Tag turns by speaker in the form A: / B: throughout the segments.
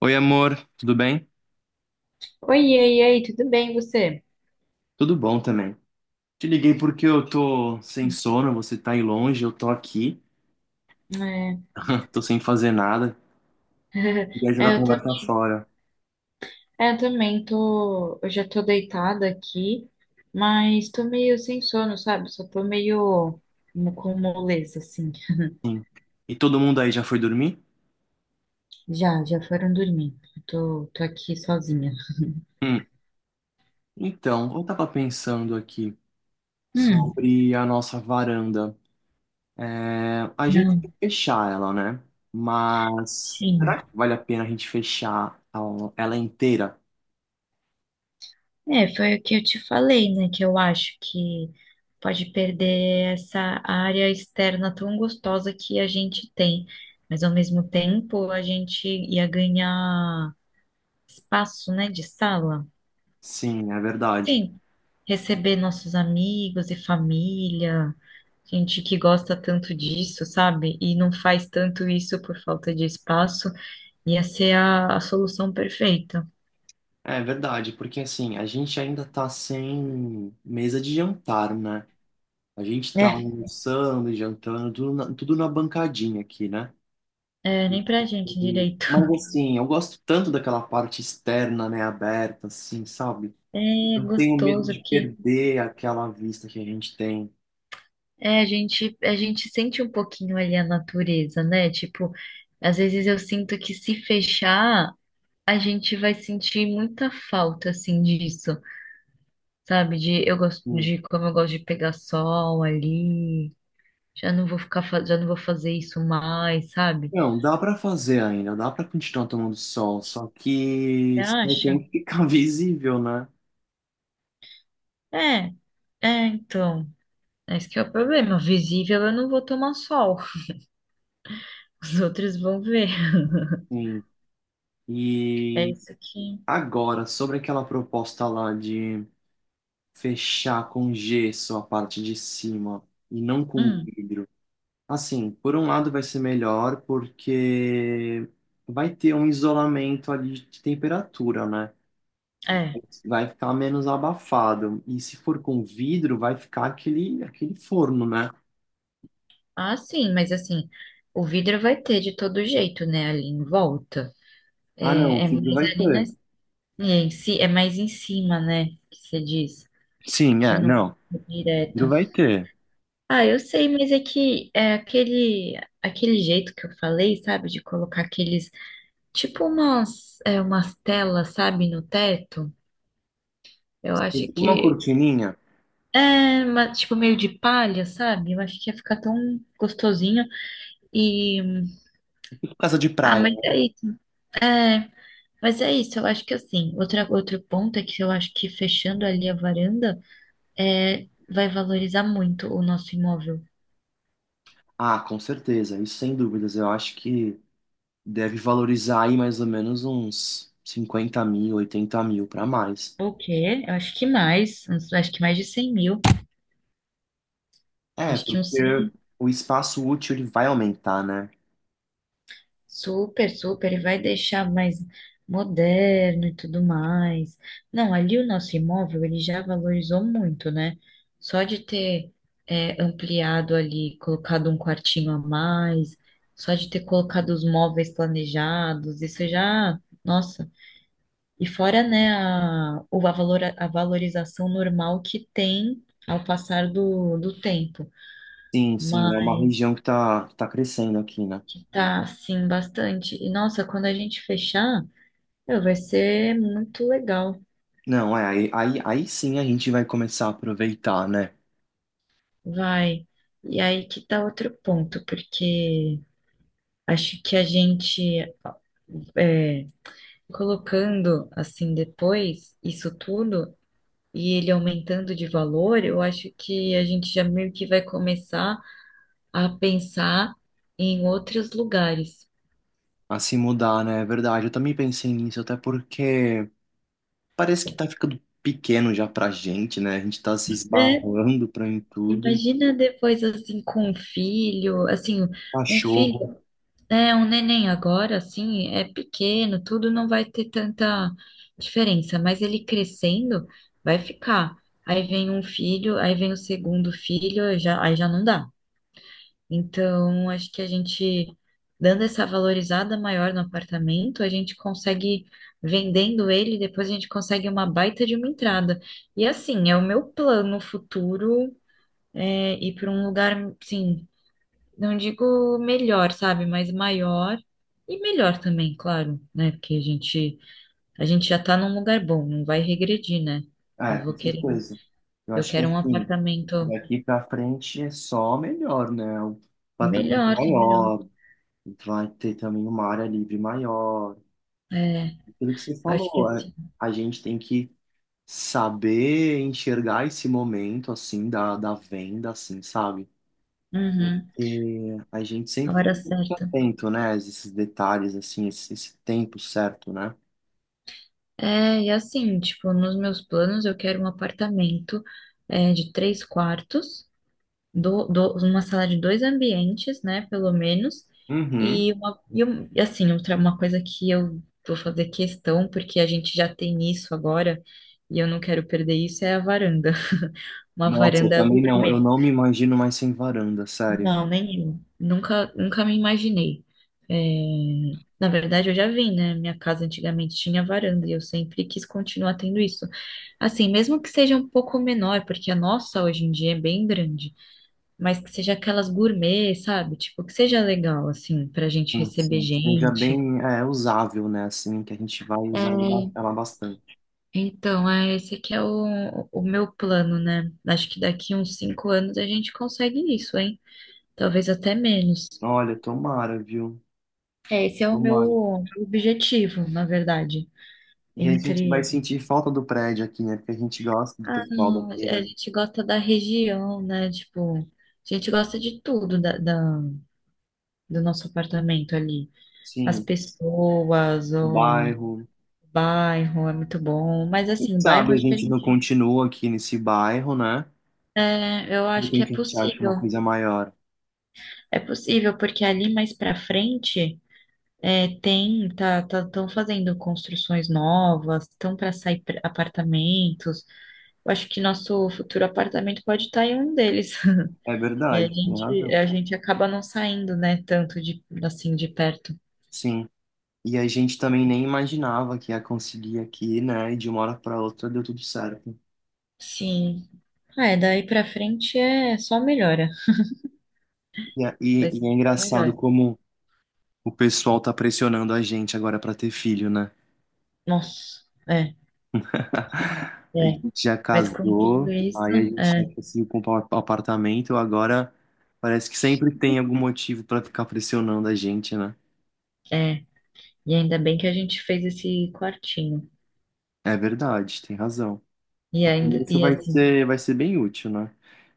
A: Oi, amor, tudo bem?
B: Oi, e aí, tudo bem, você?
A: Tudo bom também. Te liguei porque eu tô sem sono, você tá aí longe, eu tô aqui,
B: É,
A: tô sem fazer nada. Queria jogar
B: é,
A: a
B: eu, tam-
A: conversa fora.
B: é, eu também tô. Eu já tô deitada aqui, mas tô meio sem sono, sabe? Só tô meio com moleza, assim.
A: Sim. E todo mundo aí já foi dormir?
B: Já, foram dormir. Eu tô aqui sozinha.
A: Hum. Então, eu tava pensando aqui
B: Hum,
A: sobre a nossa varanda. É, a gente tem
B: não,
A: que fechar ela, né? Mas
B: sim.
A: será que vale a pena a gente fechar ela inteira?
B: É, foi o que eu te falei, né? Que eu acho que pode perder essa área externa tão gostosa que a gente tem, mas ao mesmo tempo a gente ia ganhar. Espaço, né, de sala.
A: Sim, é verdade.
B: Sim, receber nossos amigos e família, gente que gosta tanto disso, sabe? E não faz tanto isso por falta de espaço, ia ser a solução perfeita.
A: É verdade, porque assim, a gente ainda tá sem mesa de jantar, né? A gente tá
B: É,
A: almoçando, e jantando, tudo na bancadinha aqui, né?
B: é, nem pra gente
A: E-
B: direito.
A: mas assim, eu gosto tanto daquela parte externa, né, aberta, assim, sabe?
B: É
A: Eu tenho medo
B: gostoso,
A: de
B: porque
A: perder aquela vista que a gente tem.
B: a gente sente um pouquinho ali a natureza, né? Tipo, às vezes eu sinto que se fechar, a gente vai sentir muita falta, assim, disso. Sabe, de eu gosto
A: Hum.
B: de como eu gosto de pegar sol ali. Já não vou fazer isso mais, sabe?
A: Não, dá pra fazer ainda, dá pra continuar tomando sol, só que
B: Você
A: isso daí tem
B: acha?
A: que ficar visível, né?
B: É, é, então. Esse que é o problema. Visível eu não vou tomar sol. Os outros vão ver.
A: Sim.
B: É
A: E
B: isso que.
A: agora, sobre aquela proposta lá de fechar com gesso a parte de cima e não com
B: Hum,
A: vidro. Assim, por um lado vai ser melhor porque vai ter um isolamento ali de temperatura, né?
B: é.
A: Vai ficar menos abafado. E se for com vidro, vai ficar aquele forno, né?
B: Ah, sim, mas assim, o vidro vai ter de todo jeito, né? Ali em volta.
A: Ah, não,
B: É,
A: o
B: é mais
A: vidro vai
B: ali na,
A: ter.
B: é, em si, é mais em cima, né? Que você diz.
A: Sim,
B: Que
A: é,
B: não
A: não.
B: é
A: O
B: direto.
A: vidro vai ter.
B: Ah, eu sei, mas é que é aquele jeito que eu falei, sabe? De colocar aqueles, tipo umas telas, sabe, no teto. Eu
A: E
B: acho
A: uma
B: que
A: cortininha,
B: tipo meio de palha, sabe? Eu acho que ia ficar tão gostosinho. E,
A: e casa de
B: ah,
A: praia.
B: mas é isso. É, mas é isso. Eu acho que assim, outro ponto é que eu acho que fechando ali a varanda, vai valorizar muito o nosso imóvel.
A: Ah, com certeza, isso sem dúvidas. Eu acho que deve valorizar aí mais ou menos uns 50 mil, 80 mil para mais.
B: O quê? Eu acho que mais de 100 mil.
A: É,
B: Acho que uns
A: porque
B: 100
A: o espaço útil ele vai aumentar, né?
B: Super, super, e vai deixar mais moderno e tudo mais. Não, ali o nosso imóvel ele já valorizou muito, né? Só de ter ampliado ali, colocado um quartinho a mais, só de ter colocado os móveis planejados, isso já, nossa. E fora, né, a, o- a, valora- a valorização normal que tem ao passar do tempo,
A: Sim, sim, é uma
B: mas
A: região que tá crescendo aqui, né?
B: que tá, assim, bastante. E nossa, quando a gente fechar. Não, vai ser muito legal,
A: Não, é, aí sim a gente vai começar a aproveitar, né?
B: vai. E aí que tá outro ponto, porque acho que a gente é, colocando assim depois isso tudo e ele aumentando de valor, eu acho que a gente já meio que vai começar a pensar em outros lugares.
A: A se mudar, né? É verdade, eu também pensei nisso, até porque parece que tá ficando pequeno já pra gente, né? A gente tá se
B: É,
A: esbarrando pra em tudo.
B: imagina depois assim com um filho, assim, um filho
A: Cachorro,
B: Um neném agora, assim, é pequeno, tudo não vai ter tanta diferença, mas ele crescendo vai ficar. Aí vem um filho, aí vem o segundo filho, já, aí já não dá. Então, acho que a gente, dando essa valorizada maior no apartamento, a gente consegue, vendendo ele, depois a gente consegue uma baita de uma entrada. E assim, é o meu plano futuro, ir para um lugar, sim não digo melhor, sabe, mas maior e melhor também, claro, né? Porque a gente já tá num lugar bom, não vai regredir, né?
A: ah, é,
B: Eu vou
A: com
B: querer,
A: certeza. Eu
B: eu
A: acho que
B: quero um
A: assim,
B: apartamento
A: daqui pra frente é só melhor, né? O patamar é
B: melhor, tá melhor.
A: maior, vai ter também uma área livre maior.
B: É,
A: Aquilo que você
B: acho que é
A: falou, a,
B: assim.
A: a gente tem que saber enxergar esse momento, assim, da venda, assim, sabe?
B: Uhum,
A: E a gente
B: a
A: sempre
B: hora
A: fica
B: certa.
A: atento, né, a esses detalhes, assim, esse tempo certo, né?
B: É, e assim, tipo, nos meus planos eu quero um apartamento de três quartos. Uma sala de dois ambientes, né, pelo menos,
A: Uhum.
B: e, uma, e um- e, assim, outra, uma coisa que eu vou fazer questão, porque a gente já tem isso agora, e eu não quero perder isso, é a varanda. Uma
A: Nossa, eu
B: varanda
A: também não. Eu
B: gourmet.
A: não me imagino mais sem varanda, sério.
B: Não, nenhum. Nunca, nunca me imaginei. É, na verdade, eu já vim, né? Minha casa antigamente tinha varanda e eu sempre quis continuar tendo isso. Assim, mesmo que seja um pouco menor, porque a nossa hoje em dia é bem grande mas que seja aquelas gourmet, sabe? Tipo, que seja legal, assim, pra gente
A: Sim,
B: receber
A: sim, seja
B: gente.
A: bem é, usável, né? Assim, que a gente vai usar ele
B: É.
A: ba- ela bastante.
B: Então, esse aqui é o meu plano, né? Acho que daqui uns 5 anos a gente consegue isso, hein? Talvez até menos.
A: Olha, tomara, viu?
B: É, esse é o
A: Tomara.
B: meu objetivo, na verdade.
A: E a gente vai
B: Entre,
A: sentir falta do prédio aqui, né? Porque a gente gosta do
B: ah,
A: pessoal
B: não, a
A: daqui, né?
B: gente gosta da região, né? Tipo, a gente gosta de tudo da, do nosso apartamento ali. As
A: Sim,
B: pessoas,
A: o
B: o
A: bairro.
B: bairro é muito bom, mas
A: Quem
B: assim, bairro
A: sabe a
B: acho que a
A: gente não
B: gente,
A: continua aqui nesse bairro, né?
B: eu
A: De
B: acho que
A: repente a gente acha uma coisa maior.
B: é possível porque ali mais pra frente estão fazendo construções novas, estão para sair apartamentos. Eu acho que nosso futuro apartamento pode estar em um deles.
A: É
B: E a
A: verdade, tem
B: gente,
A: razão.
B: a gente acaba não saindo, né, tanto de assim de perto.
A: Sim. E a gente também nem imaginava que ia conseguir aqui, né? E de uma hora para outra deu tudo certo.
B: Sim. Ah, é, daí pra frente é só melhora.
A: E, é- e,
B: Vai ser
A: e é
B: só
A: engraçado
B: melhor.
A: como o pessoal tá pressionando a gente agora pra ter filho, né?
B: Nossa, é,
A: A
B: é.
A: gente já
B: Mas com tudo
A: casou,
B: isso,
A: aí a gente já
B: é.
A: conseguiu comprar um apartamento, agora parece que sempre tem algum motivo pra ficar pressionando a gente, né?
B: É, e ainda bem que a gente fez esse quartinho.
A: É verdade, tem razão.
B: E
A: No
B: ainda,
A: começo
B: e
A: vai
B: assim,
A: ser, vai ser bem útil, né?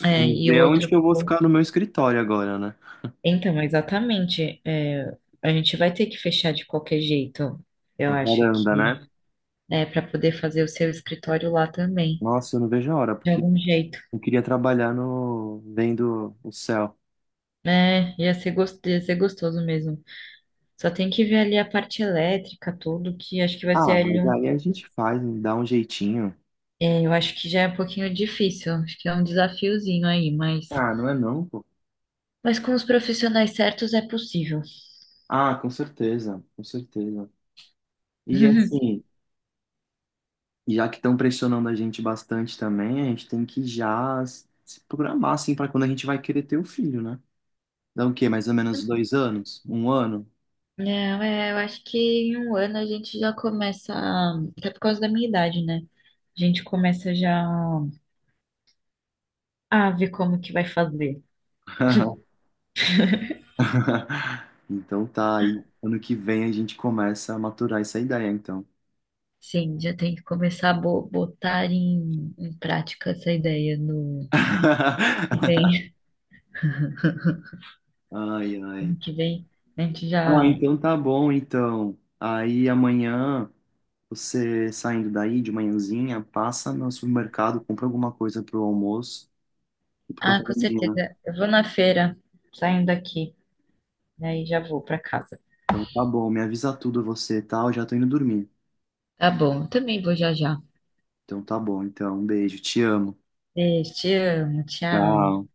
A: E vamos
B: e o
A: ver onde que
B: outro.
A: eu vou ficar no meu escritório agora, né?
B: Então, exatamente. A gente vai ter que fechar de qualquer jeito, eu
A: A
B: acho
A: varanda,
B: que.
A: né?
B: É, para poder fazer o seu escritório lá também,
A: Nossa, eu não vejo a hora,
B: de
A: porque
B: algum jeito.
A: eu queria trabalhar no vendo o céu.
B: É, ia ser gostoso mesmo. Só tem que ver ali a parte elétrica, tudo, que acho que vai ser
A: Ah,
B: ali
A: mas
B: um.
A: aí a gente faz, dá um jeitinho.
B: Eu acho que já é um pouquinho difícil. Acho que é um desafiozinho aí, mas.
A: Ah, não é não, pô.
B: Mas com os profissionais certos é possível.
A: Ah, com certeza, com certeza. E assim, já que estão pressionando a gente bastante também, a gente tem que já se programar, assim, para quando a gente vai querer ter o filho, né? Dá o quê? Mais ou menos 2 anos? Um ano?
B: Não, eu acho que em um ano a gente já começa, até por causa da minha idade, né? A gente começa já a ver como que vai fazer.
A: Então tá, aí ano que vem a gente começa a maturar essa ideia, então.
B: Sim, já tem que começar a botar em prática essa ideia no que vem.
A: Ai, ai.
B: Ano que vem a gente
A: Ah,
B: já.
A: então tá bom, então. Aí amanhã. Você saindo daí de manhãzinha, passa no supermercado, compra alguma coisa pro almoço e pro
B: Ah,
A: café da
B: com
A: manhã.
B: certeza. Eu vou na feira, saindo daqui, daí já vou pra casa.
A: Então tá bom, me avisa tudo você, tá? Eu já tô indo dormir.
B: Tá bom, eu também vou já já.
A: Então tá bom, então, um beijo, te amo.
B: Beijo, te amo, tchau.
A: Tchau.